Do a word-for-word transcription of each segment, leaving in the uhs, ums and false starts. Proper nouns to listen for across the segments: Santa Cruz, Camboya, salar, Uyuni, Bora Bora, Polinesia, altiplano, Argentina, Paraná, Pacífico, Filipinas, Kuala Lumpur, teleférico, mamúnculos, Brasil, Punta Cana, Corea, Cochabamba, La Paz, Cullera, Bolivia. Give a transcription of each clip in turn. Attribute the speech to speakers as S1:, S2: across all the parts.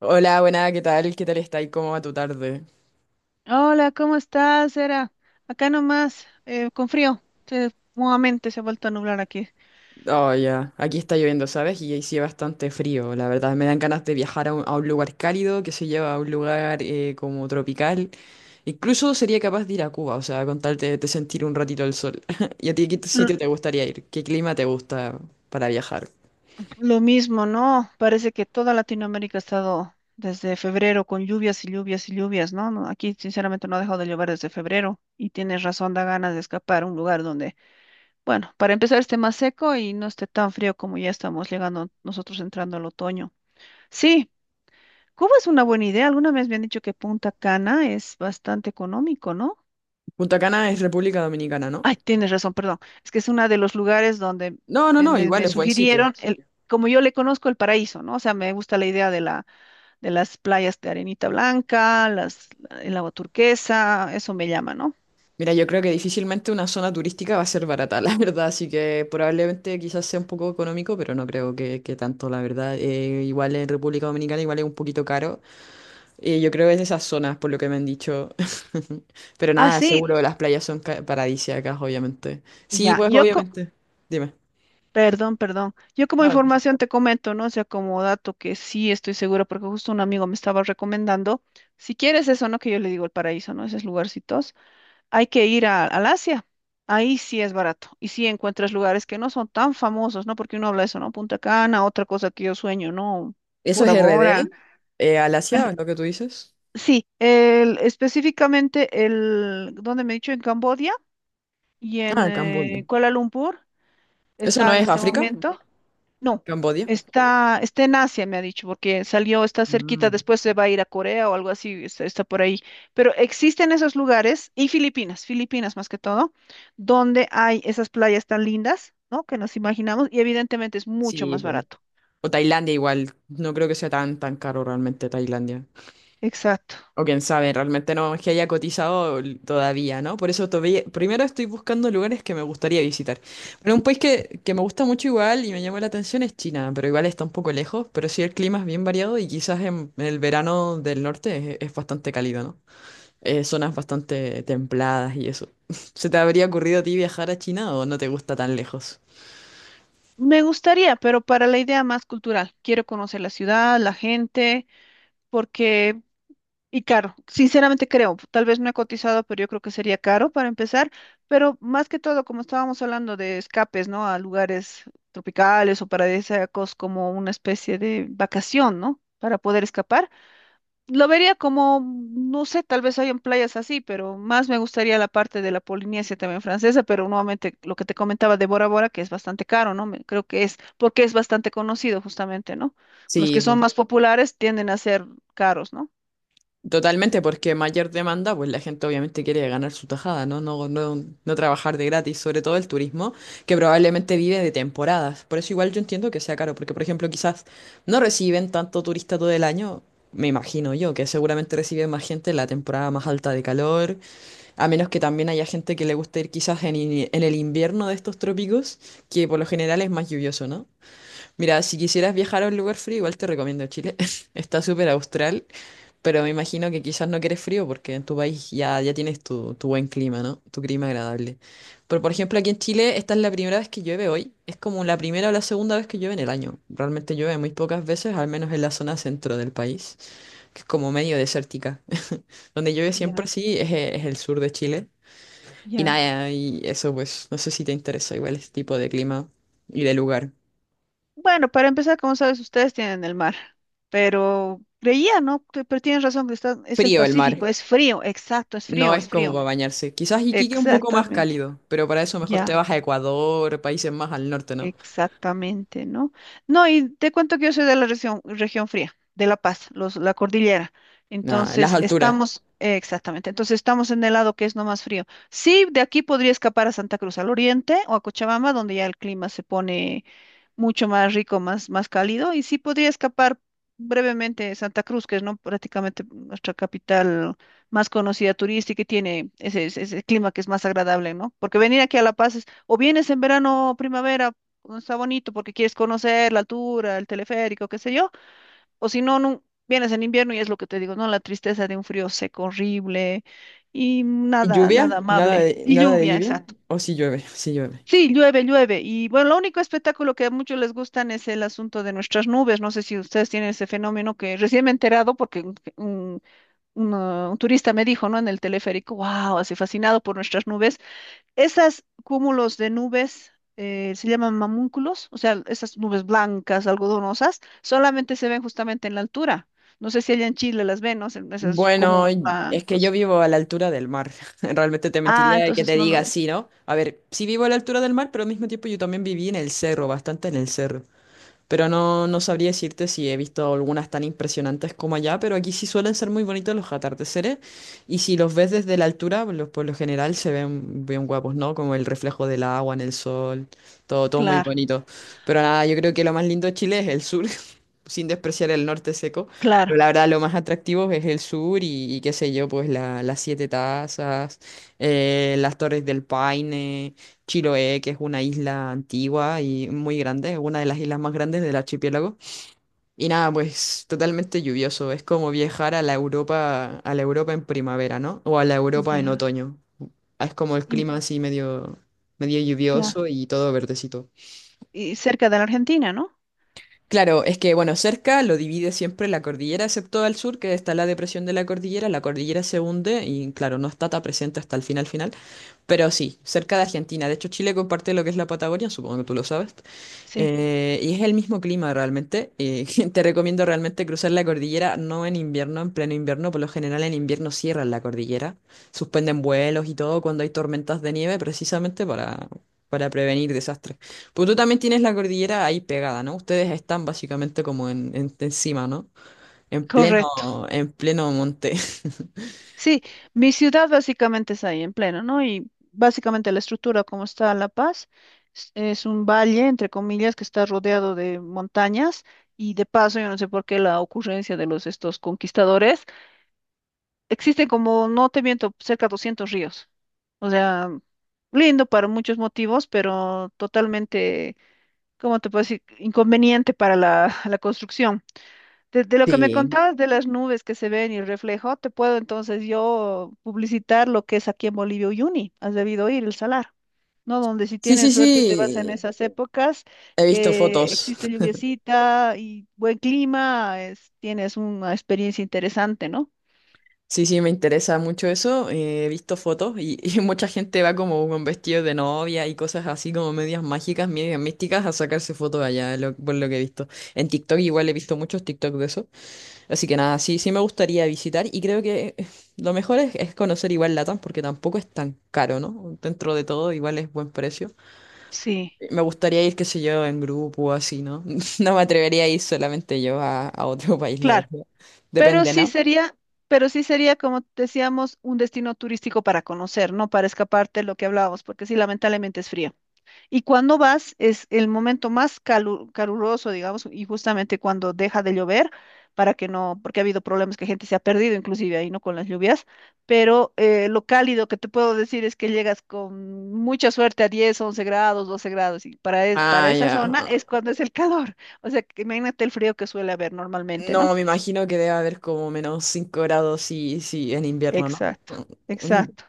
S1: Hola, buena, ¿qué tal? ¿Qué tal está? ¿Y cómo va tu tarde?
S2: Hola, ¿cómo estás, Era? Acá nomás, eh, con frío. Se- nuevamente se ha vuelto a nublar aquí.
S1: Oh, ya, aquí está lloviendo, ¿sabes? Y sí, bastante frío, la verdad. Me dan ganas de viajar a un, a un lugar cálido, que se lleva a un lugar eh, como tropical. Incluso sería capaz de ir a Cuba, o sea, con tal de, de sentir un ratito el sol. ¿Y a ti qué t-
S2: L-
S1: sitio te gustaría ir? ¿Qué clima te gusta para viajar?
S2: lo mismo, ¿no? Parece que toda Latinoamérica ha estado desde febrero con lluvias y lluvias y lluvias, ¿no? No, aquí, sinceramente, no ha dejado de llover desde febrero y tienes razón, da ganas de escapar a un lugar donde, bueno, para empezar esté más seco y no esté tan frío como ya estamos llegando nosotros entrando al otoño. Sí, Cuba es una buena idea. Alguna vez me han dicho que Punta Cana es bastante económico, ¿no?
S1: Punta Cana es República Dominicana, ¿no?
S2: Ay, tienes razón, perdón. Es que es uno de los lugares donde
S1: No, no,
S2: me,
S1: no,
S2: me-
S1: igual
S2: me
S1: es buen sitio.
S2: sugirieron, el, como yo le conozco el paraíso, ¿no? O sea, me gusta la idea de la, de las playas de arenita blanca, las, el agua turquesa, eso me llama, ¿no?
S1: Mira, yo creo que difícilmente una zona turística va a ser barata, la verdad, así que probablemente quizás sea un poco económico, pero no creo que, que tanto, la verdad. Eh, igual en República Dominicana igual es un poquito caro. Eh, yo creo que es de esas zonas, por lo que me han dicho. Pero
S2: Ah,
S1: nada,
S2: sí,
S1: seguro las playas son ca- paradisíacas, obviamente. Sí,
S2: ya,
S1: pues
S2: yo, co-
S1: obviamente. Dime.
S2: perdón, perdón. Yo como
S1: No, no sé.
S2: información te comento, ¿no? O sea, como dato que sí estoy segura, porque justo un amigo me estaba recomendando, si quieres eso, ¿no? Que yo le digo el paraíso, ¿no? Esos lugarcitos. Hay que ir a- al Asia. Ahí sí es barato. Y sí encuentras lugares que no son tan famosos, ¿no? Porque uno habla de eso, ¿no? Punta Cana, otra cosa que yo sueño, ¿no?
S1: ¿Eso es
S2: Bora Bora.
S1: R D? Eh, ¿al Asia, es lo que tú dices?
S2: Sí, el- específicamente el, donde me he dicho, en Camboya y en
S1: Ah, Cambodia.
S2: eh, Kuala Lumpur,
S1: ¿Eso
S2: está
S1: no
S2: en
S1: es
S2: este
S1: África?
S2: momento. No,
S1: ¿Cambodia?
S2: está, está en Asia, me ha dicho, porque salió, está cerquita,
S1: Ah,
S2: después se va a ir a Corea o algo así, está, está por ahí. Pero existen esos lugares, y Filipinas, Filipinas más que todo, donde hay esas playas tan lindas, ¿no? Que nos imaginamos, y evidentemente es mucho
S1: sí,
S2: más
S1: pues.
S2: barato.
S1: O Tailandia igual, no creo que sea tan, tan caro realmente Tailandia.
S2: Exacto.
S1: O quién sabe, realmente no es que haya cotizado todavía, ¿no? Por eso todavía, primero estoy buscando lugares que me gustaría visitar. Pero un país que, que me gusta mucho igual y me llama la atención es China, pero igual está un poco lejos, pero sí el clima es bien variado y quizás en, en el verano del norte es, es bastante cálido, ¿no? Eh, zonas bastante templadas y eso. ¿Se te habría ocurrido a ti viajar a China o no te gusta tan lejos?
S2: Me gustaría, pero para la idea más cultural, quiero conocer la ciudad, la gente, porque y caro, sinceramente creo, tal vez no he cotizado, pero yo creo que sería caro para empezar, pero más que todo, como estábamos hablando de escapes, ¿no? A lugares tropicales o paradisíacos como una especie de vacación, ¿no? Para poder escapar. Lo vería como, no sé, tal vez hayan playas así, pero más me gustaría la parte de la Polinesia también francesa, pero nuevamente lo que te comentaba de Bora Bora, que es bastante caro, ¿no? Me- Creo que es porque es bastante conocido justamente, ¿no? Los
S1: Sí,
S2: que son más populares tienden a ser caros, ¿no?
S1: totalmente, porque mayor demanda, pues la gente obviamente quiere ganar su tajada, ¿no? No, no, no trabajar de gratis, sobre todo el turismo, que probablemente vive de temporadas. Por eso igual yo entiendo que sea caro, porque por ejemplo quizás no reciben tanto turista todo el año, me imagino yo, que seguramente reciben más gente en la temporada más alta de calor, a menos que también haya gente que le guste ir quizás en, ini- en el invierno de estos trópicos, que por lo general es más lluvioso, ¿no? Mira, si quisieras viajar a un lugar frío, igual te recomiendo Chile. Está súper austral pero me imagino que quizás no quieres frío porque en tu país ya, ya tienes tu, tu buen clima, ¿no? Tu clima agradable. Pero por ejemplo, aquí en Chile, esta es la primera vez que llueve hoy. Es como la primera o la segunda vez que llueve en el año. Realmente llueve muy pocas veces, al menos en la zona centro del país, que es como medio desértica. Donde llueve siempre,
S2: Ya,
S1: sí, es, e- es el sur de Chile. Y
S2: ya.
S1: nada, y eso pues, no sé si te interesa igual este tipo de clima y de lugar.
S2: Bueno, para empezar, como sabes, ustedes tienen el mar, pero creía, ¿no? Que- Pero tienes razón, que está, es el
S1: Frío el
S2: Pacífico,
S1: mar.
S2: es frío, exacto, es
S1: No
S2: frío,
S1: es
S2: es
S1: como
S2: frío.
S1: para
S2: Sí.
S1: bañarse. Quizás Iquique un poco más
S2: Exactamente,
S1: cálido, pero para eso mejor te
S2: ya,
S1: vas a Ecuador, países más al norte, ¿no?
S2: exactamente, ¿no? No, y te cuento que yo soy de la región, región fría, de La Paz, los, la cordillera.
S1: Nada, las
S2: Entonces, ujú.
S1: alturas.
S2: Estamos, eh, exactamente, entonces estamos en el lado que es no más frío. Sí, de aquí podría escapar a Santa Cruz, al oriente o a Cochabamba, donde ya el clima se pone mucho más rico, más, más cálido, y sí podría escapar brevemente de Santa Cruz, que es ¿no? prácticamente nuestra capital más conocida turística y tiene ese, ese- ese clima que es más agradable, ¿no? Porque venir aquí a La Paz es, o vienes en verano o primavera, cuando está bonito, porque quieres conocer la altura, el teleférico, qué sé yo, o si no, no, vienes en invierno y es lo que te digo, ¿no? La tristeza de un frío seco, horrible, y
S1: ¿Y
S2: nada, nada
S1: lluvia? ¿Nada
S2: amable.
S1: de,
S2: Y
S1: nada de
S2: lluvia,
S1: lluvia?
S2: exacto.
S1: ¿O si llueve? Sí llueve.
S2: Sí, llueve, llueve. Y bueno, lo único espectáculo que a muchos les gustan es el asunto de nuestras nubes. No sé si ustedes tienen ese fenómeno que recién me he enterado porque un, un- un, ah, un turista me dijo, ¿no? En el teleférico, wow, así fascinado por nuestras nubes. Esas cúmulos de nubes eh, se llaman mamúnculos, o sea, esas nubes blancas, algodonosas, solamente se ven justamente en la altura. No sé si allá en Chile las ven, ¿no? Se- Esos
S1: Bueno,
S2: cúmulos
S1: es que yo
S2: blancos.
S1: vivo a la altura del mar. Realmente te
S2: Ah,
S1: mentiría que
S2: entonces
S1: te
S2: no lo
S1: diga
S2: ves.
S1: así, ¿no? A ver, sí vivo a la altura del mar, pero al mismo tiempo yo también viví en el cerro, bastante en el cerro. Pero no, no sabría decirte si he visto algunas tan impresionantes como allá, pero aquí sí suelen ser muy bonitos los atardeceres y si los ves desde la altura, pues, los, por lo general se ven bien guapos, ¿no? Como el reflejo del agua en el sol, todo, todo muy
S2: Claro,
S1: bonito. Pero nada, yo creo que lo más lindo de Chile es el sur, sin despreciar el norte seco, pero la
S2: claro.
S1: verdad lo más atractivo es el sur y, y qué sé yo, pues la- las siete tazas, eh, las torres del Paine. Chiloé, que es una isla antigua y muy grande, es una de las islas más grandes del archipiélago. Y nada, pues totalmente lluvioso, es como viajar a la Europa, a la Europa en primavera, ¿no? O a la Europa en
S2: Ya.
S1: otoño. Es como el
S2: Y-
S1: clima así medio, medio
S2: Claro,
S1: lluvioso y todo verdecito.
S2: y cerca de la Argentina, ¿no?
S1: Claro, es que bueno, cerca lo divide siempre la cordillera, excepto al sur, que está la depresión de la cordillera, la cordillera se hunde y claro, no está tan presente hasta el final final. Pero sí, cerca de Argentina. De hecho, Chile comparte lo que es la Patagonia, supongo que tú lo sabes.
S2: Sí,
S1: Eh, y es el mismo clima realmente. Eh, te recomiendo realmente cruzar la cordillera, no en invierno, en pleno invierno. Por lo general en invierno cierran la cordillera. Suspenden vuelos y todo cuando hay tormentas de nieve, precisamente para, para prevenir desastres. Pues tú también tienes la cordillera ahí pegada, ¿no? Ustedes están básicamente como en, en- encima, ¿no? En pleno,
S2: correcto.
S1: en pleno monte.
S2: Sí, mi ciudad básicamente es ahí en pleno, ¿no? Y básicamente la estructura como está La Paz es es un valle, entre comillas, que está rodeado de montañas y de paso, yo no sé por qué la ocurrencia de los estos conquistadores, existen como, no te miento, cerca de doscientos ríos. O sea, lindo para muchos motivos, pero totalmente, ¿cómo te puedo decir? Inconveniente para la, la construcción. De, de lo que me
S1: Sí.
S2: contabas de las nubes que se ven y el reflejo, te puedo entonces yo publicitar lo que es aquí en Bolivia Uyuni. Has debido ir el salar, ¿no? Donde si
S1: Sí, sí,
S2: tienes suerte y te vas en
S1: sí.
S2: esas épocas
S1: He visto
S2: que
S1: fotos.
S2: existe lluviecita y buen clima, es- tienes una experiencia interesante, ¿no?
S1: Sí, sí, me interesa mucho eso. Eh, he visto fotos y, y mucha gente va como con vestidos de novia y cosas así como medias mágicas, medias místicas a sacarse fotos allá, lo- por lo que he visto. En TikTok igual he visto muchos TikTok de eso. Así que nada, sí, sí me gustaría visitar y creo que eh, lo mejor es, es conocer igual Latam porque tampoco es tan caro, ¿no? Dentro de todo igual es buen precio.
S2: Sí,
S1: Me gustaría ir, qué sé yo, en grupo o así, ¿no? No me atrevería a ir solamente yo a, a otro país, la
S2: claro.
S1: verdad.
S2: Pero
S1: Depende,
S2: sí
S1: ¿no?
S2: sería, pero sí sería, como decíamos, un destino turístico para conocer, no para escaparte lo que hablábamos, porque sí, lamentablemente es frío. Y cuando vas es el momento más calu- caluroso, digamos, y justamente cuando deja de llover, para que no, porque ha habido problemas que gente se ha perdido, inclusive ahí, ¿no? Con las lluvias, pero eh, lo cálido que te puedo decir es que llegas con mucha suerte a diez, once grados, doce grados, y para, e-
S1: Ah,
S2: para esa
S1: ya.
S2: zona es cuando es el calor. O sea, que imagínate el frío que suele haber normalmente,
S1: No,
S2: ¿no?
S1: me imagino que debe haber como menos cinco grados si, si en invierno, ¿no?
S2: Exacto,
S1: Mm,
S2: exacto.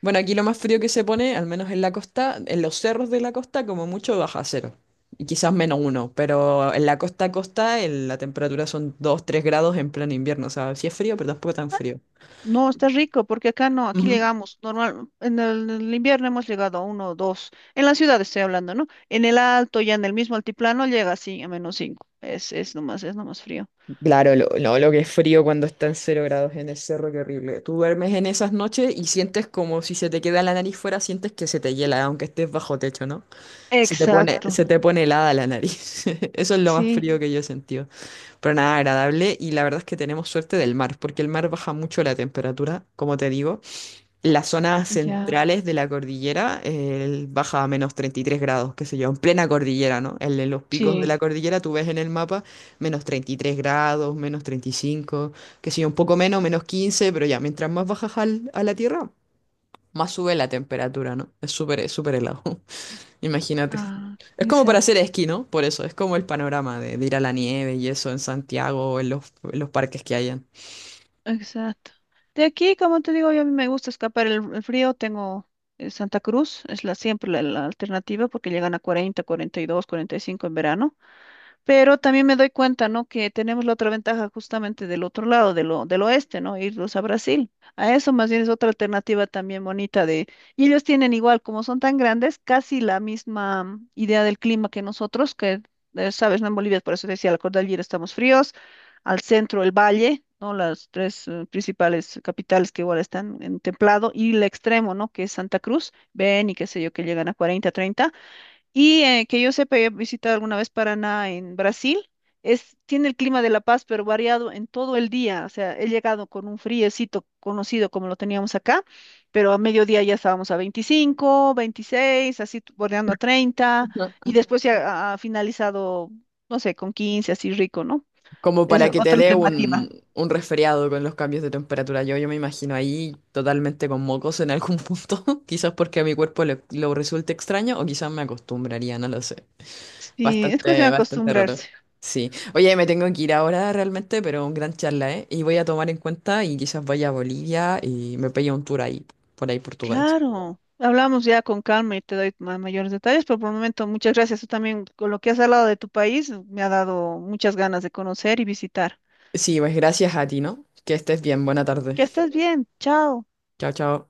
S1: bueno, aquí lo más frío que se pone, al menos en la costa, en los cerros de la costa, como mucho baja cero. Y quizás menos uno, pero en la costa a costa el- la temperatura son dos tres grados en pleno invierno. O sea, sí es frío, pero tampoco tan frío.
S2: No, está rico, porque acá no, aquí
S1: Ujú.
S2: llegamos, normal, en el, en el invierno hemos llegado a uno o dos, en la ciudad estoy hablando, ¿no? En el alto, ya en el mismo altiplano, llega así a menos cinco, es, es nomás, es nomás frío.
S1: Claro, lo, no, lo que es frío cuando está en cero grados en el cerro, qué horrible. Tú duermes en esas noches y sientes como si se te queda la nariz fuera, sientes que se te hiela, aunque estés bajo techo, ¿no? Se te pone,
S2: Exacto,
S1: se te pone helada la nariz. Eso es lo más
S2: sí,
S1: frío que yo he sentido. Pero nada, agradable. Y la verdad es que tenemos suerte del mar, porque el mar baja mucho la temperatura, como te digo. En las zonas
S2: ya,
S1: centrales de la cordillera eh, baja a menos treinta y tres grados, qué sé yo, en plena cordillera, ¿no? En, en los picos de
S2: sí.
S1: la cordillera tú ves en el mapa menos treinta y tres grados, menos treinta y cinco qué sé yo, un poco menos, menos quince pero ya, mientras más bajas al- a la tierra, más sube la temperatura, ¿no? Es súper, es súper helado. Imagínate.
S2: Ah,
S1: Es como para
S2: exacto,
S1: hacer esquí, ¿no? Por eso, es como el panorama de, de ir a la nieve y eso en Santiago o en los, en los parques que hayan.
S2: exacto. De aquí, como te digo, yo a mí me gusta escapar el, el frío, tengo eh, Santa Cruz, es la siempre la, la alternativa, porque llegan a cuarenta, cuarenta y dos, cuarenta y cinco en verano. Pero también me doy cuenta, ¿no? Que tenemos la otra ventaja justamente del otro lado, de lo, del oeste, ¿no? Irlos a Brasil. A eso más bien es otra alternativa también bonita de... Y ellos tienen igual, como son tan grandes, casi la misma mm, idea del clima que nosotros, que, eh, sabes, ¿no? En Bolivia, por eso decía, la cordillera estamos fríos, al centro el valle, ¿no? Las tres eh, principales capitales que igual están en templado, y el extremo, ¿no? Que es Santa Cruz, ven y qué sé yo, que llegan a cuarenta, treinta y eh, que yo sepa, he visitado alguna vez Paraná en Brasil. Es, tiene el clima de La Paz, pero variado en todo el día. O sea, he llegado con un friecito conocido como lo teníamos acá, pero a mediodía ya estábamos a veinticinco, veintiséis, así t- bordeando a treinta, y
S1: Ujú.
S2: después se ha, ha finalizado, no sé, con quince, así rico, ¿no?
S1: Como
S2: Es
S1: para que te
S2: otra
S1: dé
S2: alternativa.
S1: un, un resfriado con los cambios de temperatura. Yo, yo me imagino ahí totalmente con mocos en algún punto. Quizás porque a mi cuerpo le- lo resulte extraño o quizás me acostumbraría, no lo sé.
S2: Sí, es cuestión
S1: Bastante,
S2: de
S1: bastante raro.
S2: acostumbrarse.
S1: Sí. Oye, me tengo que ir ahora realmente, pero un gran charla, ¿eh? Y voy a tomar en cuenta y quizás vaya a Bolivia y me pegue un tour ahí, por ahí Portugal.
S2: Claro, hablamos ya con calma y te doy ma- mayores detalles, pero por el momento muchas gracias. Tú también, con lo que has hablado de tu país, me ha dado muchas ganas de conocer y visitar.
S1: Sí, pues gracias a ti, ¿no? Que estés bien. Buena tarde.
S2: Que estés bien, chao.
S1: Chao, chao.